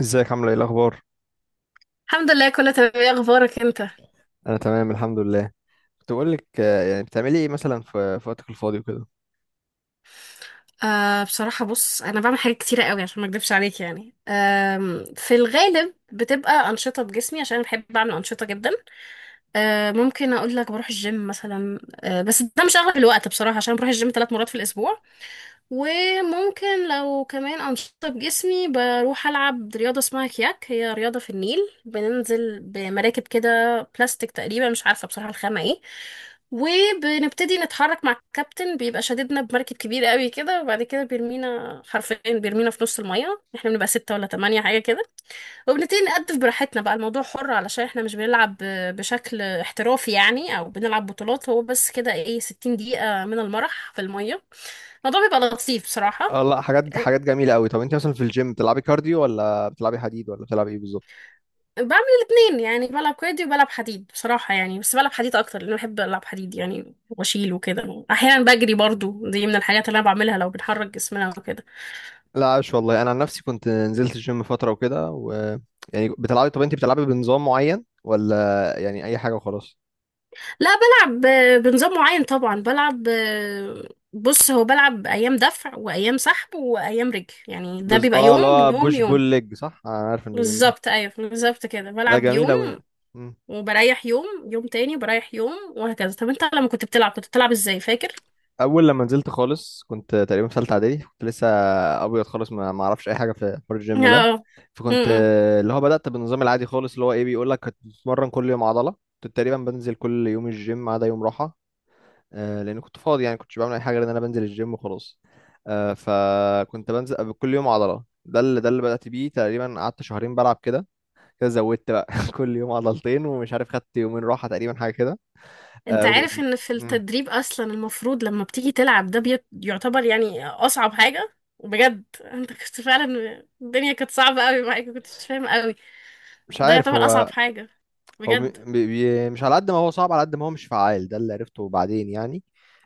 ازيك؟ عامله ايه؟ الاخبار؟ الحمد لله كله تمام. ايه اخبارك انت؟ انا تمام، الحمد لله. كنت بقول لك، يعني بتعملي ايه مثلا في وقتك الفاضي وكده؟ بصراحة بص انا بعمل حاجات كتيرة قوي عشان ما اكدبش عليك يعني، في الغالب بتبقى انشطة بجسمي عشان أنا بحب اعمل انشطة جدا. ممكن اقول لك بروح الجيم مثلا. بس ده مش اغلب الوقت بصراحة، عشان بروح الجيم 3 مرات في الاسبوع. وممكن لو كمان انشطة بجسمي، بروح العب رياضة اسمها كياك، هي رياضة في النيل. بننزل بمراكب كده بلاستيك تقريبا، مش عارفة بصراحة الخامة ايه، وبنبتدي نتحرك مع الكابتن، بيبقى شاددنا بمركب كبير قوي كده، وبعد كده بيرمينا، حرفيا بيرمينا في نص المية، احنا بنبقى 6 ولا 8 حاجة كده، وبنبتدي نقدف براحتنا بقى الموضوع حر، علشان احنا مش بنلعب بشكل احترافي يعني او بنلعب بطولات، هو بس كده ايه، 60 دقيقة من المرح في المية. الموضوع بيبقى لطيف بصراحة. اه، لا، حاجات أه، حاجات جميله قوي. طب انت مثلا في الجيم بتلعبي كارديو ولا بتلعبي حديد ولا بتلعبي ايه بالظبط؟ بعمل الاتنين، يعني بلعب كويدي وبلعب حديد بصراحة، يعني بس بلعب حديد أكتر لأن بحب ألعب حديد يعني وأشيل وكده. أحيانا بجري برضو، دي من الحاجات اللي أنا بعملها لو بنحرك جسمنا وكده. لا، عاش والله، انا عن نفسي كنت نزلت الجيم فتره وكده، و يعني بتلعبي طب انت بتلعبي بنظام معين ولا يعني اي حاجه وخلاص؟ لا بلعب بنظام معين طبعا، بلعب بص، هو بلعب ايام دفع وايام سحب وايام رجل، يعني ده بيبقى اه، اللي يوم هو يوم بوش بول يوم. ليج، صح؟ انا عارف النظام ده. بالظبط، ايوه بالظبط كده، ده بلعب جميل يوم قوي. وبريح يوم، يوم تاني بريح يوم وهكذا. طب انت لما كنت بتلعب كنت بتلعب ازاي فاكر؟ اول لما نزلت خالص كنت تقريبا في ثالثه اعدادي، كنت لسه ابيض خالص، ما اعرفش اي حاجه في حوار الجيم ده. اه. فكنت، امم. اللي هو بدأت بالنظام العادي خالص، اللي هو ايه، بيقول لك هتتمرن كل يوم عضلة. كنت تقريبا بنزل كل يوم الجيم ما عدا يوم راحة، لأن كنت فاضي، يعني كنتش بعمل أي حاجة غير إن أنا بنزل الجيم وخلاص. فكنت بنزل كل يوم عضلة، ده اللي بدأت بيه. تقريبا قعدت شهرين بلعب كده، كده زودت بقى، كل يوم عضلتين، ومش عارف خدت يومين راحة، تقريبا حاجة كده. انت آه، و- عارف ان في مم. التدريب اصلا المفروض لما بتيجي تلعب ده يعتبر يعني اصعب حاجة. بجد انت كنت فعلا، الدنيا كانت صعبة قوي معاك، كنتش فاهم قوي، مش ده عارف. يعتبر اصعب هو حاجة بجد. مش على قد ما هو صعب، على قد ما هو مش فعال، ده اللي عرفته بعدين يعني.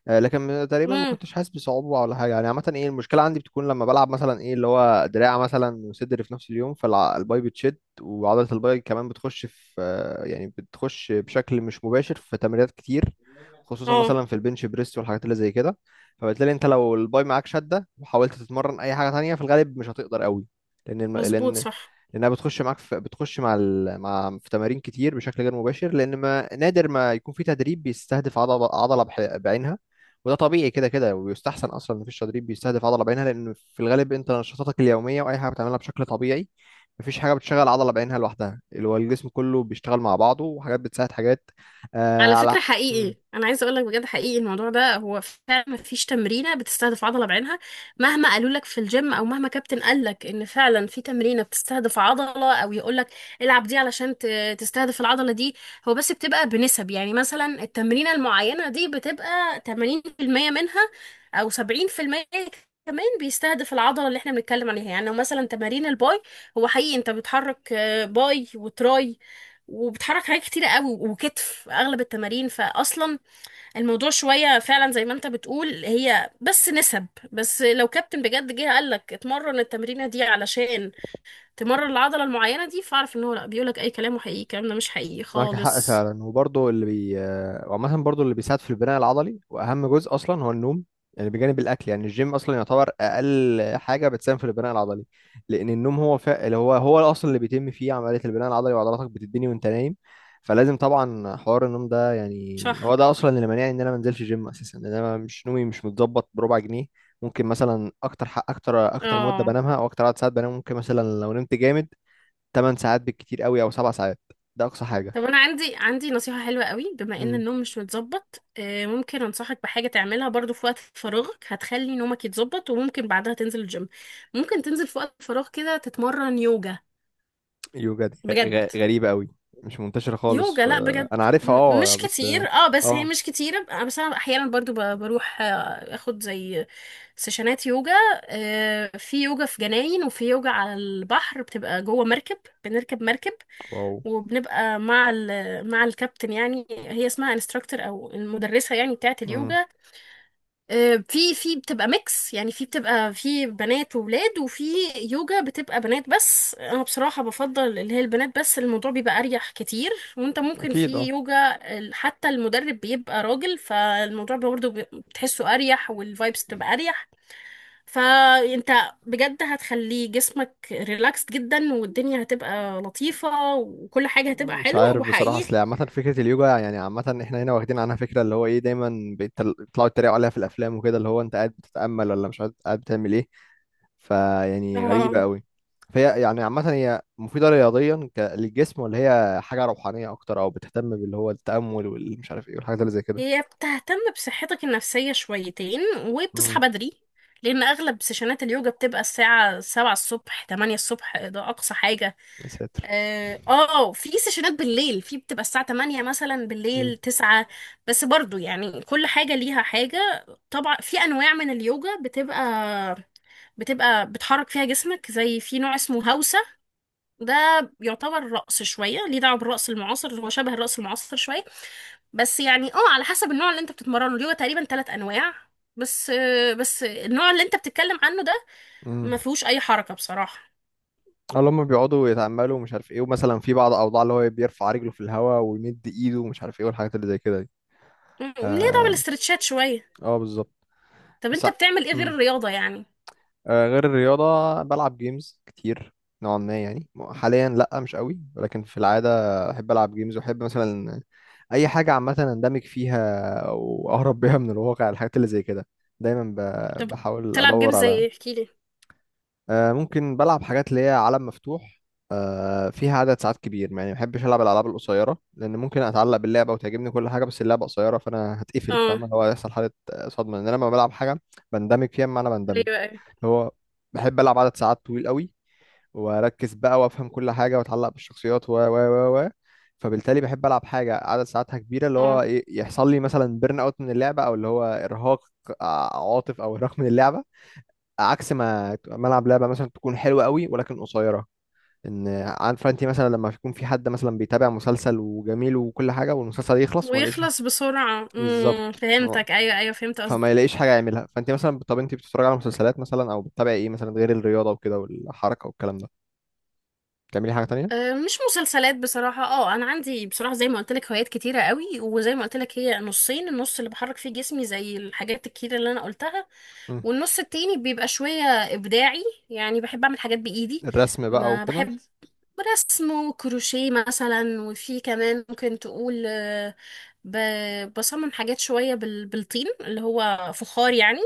لكن تقريبا ما امم. كنتش حاسس بصعوبة ولا حاجة يعني. عامة ايه المشكلة، عندي بتكون لما بلعب مثلا ايه اللي هو دراع مثلا وصدر في نفس اليوم، فالباي بتشد، وعضلة الباي كمان بتخش بشكل مش مباشر في تمرينات كتير، خصوصا اه مثلا في البنش بريس والحاجات اللي زي كده. فبالتالي انت لو الباي معاك شدة وحاولت تتمرن اي حاجة تانية، في الغالب مش هتقدر قوي، لان الم... مظبوط لان صح. لانها بتخش مع في تمارين كتير بشكل غير مباشر، لان ما نادر ما يكون في تدريب بيستهدف عضله بعينها. وده طبيعي كده كده، ويستحسن اصلا ان مفيش تدريب بيستهدف عضله بعينها، لان في الغالب انت نشاطاتك اليوميه واي حاجه بتعملها بشكل طبيعي، مفيش حاجه بتشغل عضله بعينها لوحدها، اللي هو الجسم كله بيشتغل مع بعضه وحاجات بتساعد حاجات. آه على على فكرة حقيقي أنا عايزة أقولك بجد، حقيقي الموضوع ده هو فعلا مفيش تمرينة بتستهدف عضلة بعينها، مهما قالوا لك في الجيم أو مهما كابتن قال لك إن فعلا في تمرينة بتستهدف عضلة، أو يقول لك العب دي علشان تستهدف العضلة دي. هو بس بتبقى بنسب، يعني مثلا التمرينة المعينة دي بتبقى 80% منها أو 70% كمان بيستهدف العضلة اللي احنا بنتكلم عليها، يعني لو مثلا تمارين الباي، هو حقيقي انت بتحرك باي وتراي وبتحرك حاجات كتيرة قوي وكتف اغلب التمارين، فاصلا الموضوع شوية فعلا زي ما انت بتقول، هي بس نسب. بس لو كابتن بجد جه قال لك اتمرن التمرينة دي علشان تمرن العضلة المعينة دي، فاعرف ان هو لا، بيقول لك اي كلام وحقيقي الكلام ده مش حقيقي معاك حق خالص. فعلا، وبرضه اللي بي وعامة برضه اللي بيساعد في البناء العضلي، وأهم جزء أصلا هو النوم. يعني بجانب الأكل، يعني الجيم أصلا يعتبر أقل حاجة بتساهم في البناء العضلي، لأن النوم اللي هو أصلا اللي بيتم فيه عملية البناء العضلي، وعضلاتك بتتبني وأنت نايم. فلازم طبعا حوار النوم ده، يعني هو صح. ده أصلا اللي مانعني إن أنا منزلش جيم أساسا، لأن أنا مش، نومي مش متظبط بربع جنيه. ممكن مثلا أكتر مدة اه بنامها أو أكتر عدد ساعات بنام، ممكن مثلا لو نمت جامد 8 ساعات بالكتير قوي أو 7 ساعات. ده أقصى حاجة. طب انا عندي نصيحة حلوة قوي، بما ان مم. النوم مش متظبط، ممكن انصحك بحاجة تعملها برضو في وقت فراغك، هتخلي نومك يتظبط وممكن بعدها تنزل الجيم. ممكن تنزل في وقت فراغ كده تتمرن يوجا. يوجا دي غ- بجد غ- غريبة قوي، مش منتشرة خالص يوجا، لا بجد. انا عارفها، اه مش بس. كتير اه، بس هي اه. مش كتيرة، بس انا احيانا برضو بروح اخد زي سيشنات يوجا. في يوجا في جناين وفي يوجا على البحر بتبقى جوه مركب، بنركب مركب واو. وبنبقى مع مع الكابتن، يعني هي اسمها انستراكتور او المدرسة يعني بتاعة مم. اليوجا. في بتبقى ميكس، يعني في بتبقى في بنات وولاد، وفي يوجا بتبقى بنات بس. انا بصراحة بفضل اللي هي البنات بس، الموضوع بيبقى اريح كتير. وانت ممكن اكيد، في اه. يوجا حتى المدرب بيبقى راجل، فالموضوع برضه بتحسه اريح والفايبس بتبقى اريح. فانت بجد هتخلي جسمك ريلاكسد جدا، والدنيا هتبقى لطيفة وكل حاجة هتبقى مش حلوة عارف بصراحة، وحقيقي. اصل عامة فكرة اليوجا، يعني عامة احنا هنا واخدين عنها فكرة، اللي هو ايه، دايما بيطلعوا يتريقوا عليها في الافلام وكده، اللي هو انت قاعد بتتأمل ولا مش قاعد، قاعد بتعمل ايه؟ فيعني غريبة اه قوي. فهي يعني عامة هي مفيدة رياضيا للجسم، ولا هي حاجة روحانية اكتر او بتهتم باللي هو التأمل والمش عارف ايه والحاجات اللي زي كده؟ هي بتهتم بصحتك النفسية شويتين، وبتصحى امم. بدري، لأن أغلب سيشنات اليوجا بتبقى الساعة سبعة الصبح تمانية الصبح ده أقصى حاجة. يا ساتر. اه في سيشنات بالليل، في بتبقى الساعة تمانية مثلا بالليل تسعة، بس برضو يعني كل حاجة ليها حاجة. طبعا في أنواع من اليوجا بتبقى بتحرك فيها جسمك، زي في نوع اسمه هوسة، ده يعتبر رقص شوية، ليه دعوة بالرقص المعاصر، هو شبه الرقص المعاصر شوية. بس يعني اه على حسب النوع اللي انت بتتمرنه ليه، هو تقريبا 3 انواع بس. بس النوع اللي انت بتتكلم عنه ده ما امم. فيهوش اي حركة بصراحة. اللي هم بيقعدوا يتأملوا ومش عارف ايه، ومثلا في بعض الأوضاع اللي هو بيرفع رجله في الهواء ويمد ايده ومش عارف ايه والحاجات اللي زي كده دي. ليه دعوة اه، بالاسترتشات شوية. آه بالظبط، طب بس. انت بتعمل ايه غير مم. الرياضة يعني؟ غير الرياضة، بلعب جيمز كتير، نوعا ما يعني. حاليا لأ مش قوي، ولكن في العادة أحب ألعب جيمز، وأحب مثلا أي حاجة عامة أندمج فيها وأهرب بيها من الواقع، الحاجات اللي زي كده. دايما ب- طب بحاول بتلعب جيم أدور زي على ايه احكي لي. ممكن بلعب حاجات اللي هي عالم مفتوح فيها عدد ساعات كبير. يعني ما بحبش العب الالعاب القصيره، لان ممكن اتعلق باللعبه وتعجبني كل حاجه، بس اللعبه قصيره، فانا هتقفل، اه فاهم؟ اللي هو هيحصل حاله صدمه، لان انا لما بلعب حاجه بندمج فيها، بمعنى بندمج، ايوه ايوه. اللي هو بحب العب عدد ساعات طويل قوي واركز بقى وافهم كل حاجه واتعلق بالشخصيات و. فبالتالي بحب العب حاجه عدد ساعاتها كبيره، اللي اه هو إيه، يحصل لي مثلا بيرن اوت من اللعبه، او اللي هو ارهاق، عاطف، او ارهاق من اللعبه، عكس ما العب لعبه مثلا تكون حلوه قوي ولكن قصيره. ان عارفه، انت مثلا لما يكون في حد مثلا بيتابع مسلسل وجميل وكل حاجه والمسلسل يخلص وما يلاقيش حاجه؟ ويخلص بسرعة. بالظبط. ف- فهمتك، ايوه ايوه فهمت. فما يلاقيش حاجه يعملها. فانت مثلا، طب انت بتتفرج على مسلسلات مثلا او بتتابعي ايه مثلا غير الرياضه وكده والحركه والكلام ده؟ بتعملي حاجه تانية؟ مش مسلسلات بصراحة، اه انا عندي بصراحة زي ما قلت لك هوايات كتيرة قوي، وزي ما قلت لك هي نصين، النص اللي بحرك فيه جسمي زي الحاجات الكتيرة اللي انا قلتها، مم. والنص التاني بيبقى شوية ابداعي، يعني بحب اعمل حاجات بايدي. الرسم بقى ما وكده؟ بحبش رسم وكروشيه مثلا، وفي كمان ممكن تقول بصمم حاجات شوية بالطين اللي هو فخار يعني،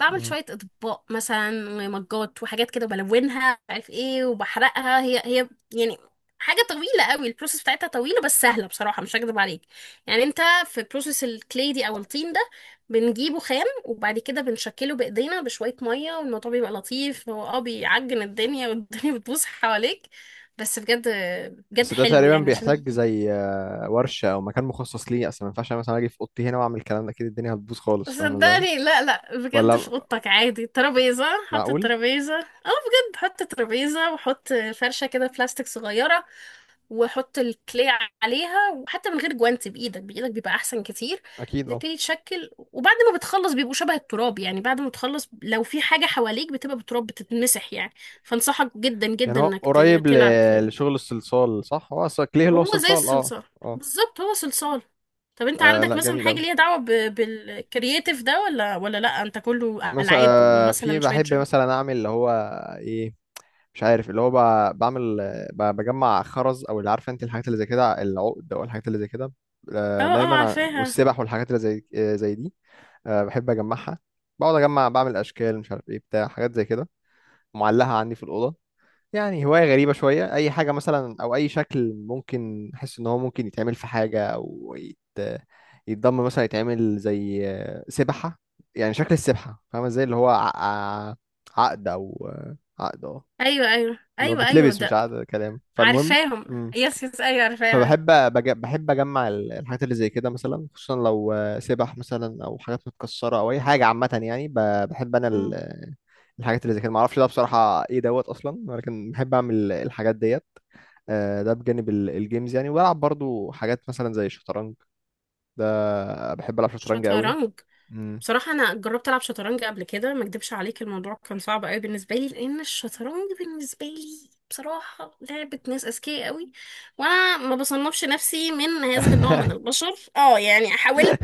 بعمل مم. شوية أطباق مثلا ومجات وحاجات كده بلونها مش عارف ايه وبحرقها هي هي يعني. حاجة طويلة قوي البروسيس بتاعتها، طويلة بس سهلة بصراحة مش هكدب عليك. يعني انت في بروسيس الكلي دي او الطين ده، بنجيبه خام وبعد كده بنشكله بإيدينا بشوية مية، والموضوع بيبقى لطيف. هو اه بيعجن الدنيا والدنيا بتبوظ حواليك، بس بجد بجد بس ده حلو تقريبا يعني عشان. بيحتاج زي ورشه او مكان مخصص ليه، اصلا ما ينفعش أنا مثلا اجي في اوضتي هنا واعمل الكلام ده، اكيد الدنيا هتبوظ خالص، فاهمه ازاي؟ صدقني لا لا، بجد في ولا؟ اوضتك عادي ترابيزة، حط معقول؟ الترابيزة، اه بجد حط ترابيزة وحط فرشة كده بلاستيك صغيرة وحط الكلي عليها، وحتى من غير جوانت، بإيدك بإيدك بيبقى أحسن كتير. اكيد، اه. بتبتدي تشكل، وبعد ما بتخلص بيبقوا شبه التراب يعني، بعد ما تخلص لو في حاجة حواليك بتبقى بتراب بتتمسح يعني. فانصحك جدا يعني جدا هو انك قريب تلعب ل- كلي. لشغل الصلصال، صح؟ هو اصلا كليه اللي هو هو زي صلصال، اه. الصلصال، اه. بالظبط هو صلصال. طب انت آه، عندك لا، مثلا جميل حاجة أوي. ليها دعوة بالكرياتيف ده ولا، لا انت كله مثلا ألعاب في ومثلا شوية بحب جيم؟ مثلا أعمل اللي هو إيه، مش عارف، اللي هو بعمل بجمع خرز، أو اللي عارفة أنت الحاجات اللي زي كده، العقد أو الحاجات اللي زي كده. اه اه دايما عارفاها. والسبح والحاجات اللي زي دي. بحب أجمعها، بقعد أجمع، بعمل أشكال، مش عارف إيه بتاع حاجات زي كده معلقة عندي في الأوضة. يعني هواية غريبة شوية، أي حاجة مثلا أو أي شكل ممكن أحس إن هو ممكن يتعمل في حاجة أو يتضم مثلا، يتعمل زي سبحة، يعني شكل السبحة، فاهمة إزاي؟ اللي هو عقد أو عقد أه، ايوه ايوه اللي هو ايوه ايوه بتلبس، مش ده. عقد كلام، فالمهم عارفاهم، يس يس ايوه عارفاها. فبحب بج... بحب اجمع الحاجات اللي زي كده، مثلا خصوصا لو سبح مثلا، او حاجات متكسره، او اي حاجه عامه يعني، بحب انا ال... مم. الحاجات اللي زي كده، معرفش ده بصراحه ايه دوت اصلا، ولكن بحب اعمل الحاجات ديت. ده بجانب الجيمز يعني، وبلعب برضو حاجات مثلا زي الشطرنج. ده بحب العب شطرنج قوي. شطرنج. مم. بصراحة أنا جربت ألعب شطرنج قبل كده، ما أكدبش عليك الموضوع كان صعب أوي بالنسبة لي، لأن الشطرنج بالنسبة لي بصراحة لعبة ناس أذكياء أوي، وأنا ما بصنفش نفسي من هذا النوع من البشر. أه يعني حاولت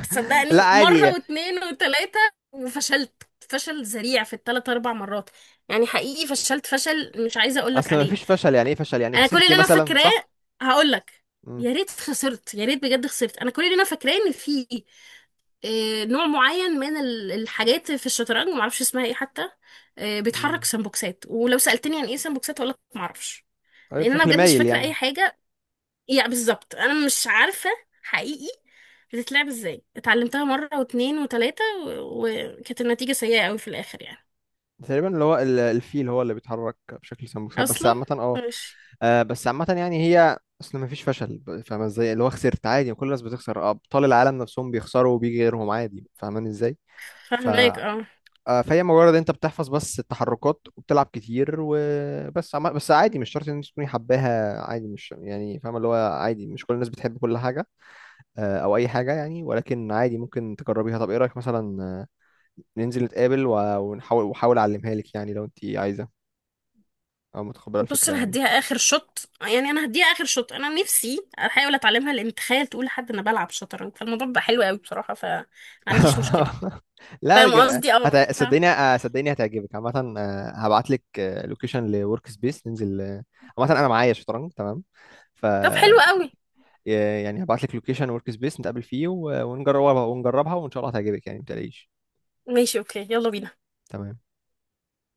لا، صدقني عادي. مرة واتنين وتلاتة وفشلت فشل ذريع في التلات أربع مرات، يعني حقيقي فشلت فشل مش عايزة أقولك اصلا ما عليه. فيش فشل، يعني ايه فشل؟ يعني انا كل خسرتي اللي انا مثلا، فاكراه صح؟ هقول لك، مم. يا ريت خسرت، يا ريت بجد خسرت. انا كل اللي انا فاكراه ان في نوع معين من الحاجات في الشطرنج ما اعرفش اسمها ايه حتى، بيتحرك مم. سمبوكسات، ولو سالتني عن ايه سمبوكسات هقول لك ما اعرفش. أيوة، لان انا بشكل بجد مش مايل فاكره يعني. اي حاجه، يعني بالظبط انا مش عارفه حقيقي بتتلعب ازاي. اتعلمتها مره واتنين وتلاته وكانت النتيجه سيئه قوي في الاخر يعني. تقريبا اللي هو الفيل هو اللي بيتحرك بشكل سمبوكسات، بس اصلا عامة، اه. ماشي. بس عامة يعني، هي اصل مفيش فشل، فاهمة ازاي؟ اللي هو خسرت عادي، كل الناس بتخسر، ابطال العالم نفسهم بيخسروا وبيجي غيرهم عادي، فاهماني ازاي؟ ف فاهمك اه. آه، فهي مجرد انت بتحفظ بس التحركات وبتلعب كتير، بس عادي، مش شرط ان انت تكوني حباها عادي، مش يعني فاهمة اللي هو، عادي مش كل الناس بتحب كل حاجة، او اي حاجة يعني. ولكن عادي ممكن تجربيها. طب ايه رأيك مثلا، ننزل نتقابل ونحاول وحاول اعلمها لك، يعني لو انت عايزة او متقبله بص الفكره انا يعني. هديها اخر شوت، يعني انا هديها اخر شوت، انا نفسي احاول اتعلمها، لان تخيل تقول لحد انا بلعب شطرنج، فالموضوع بقى حلو قوي بصراحه فما عنديش مشكله. لا، فاهم ج- قصدي اه. هت... صدقني آه، صدقني هتعجبك، عامه هبعت لك لوكيشن لورك سبيس، ننزل، عامه انا معايا شطرنج، تمام؟ ف طب حلو قوي. يعني هبعت لك لوكيشن ورك سبيس نتقابل فيه ونجربها وان شاء الله هتعجبك يعني، ما تقلقيش. ماشي اوكي يلا بينا. تمام.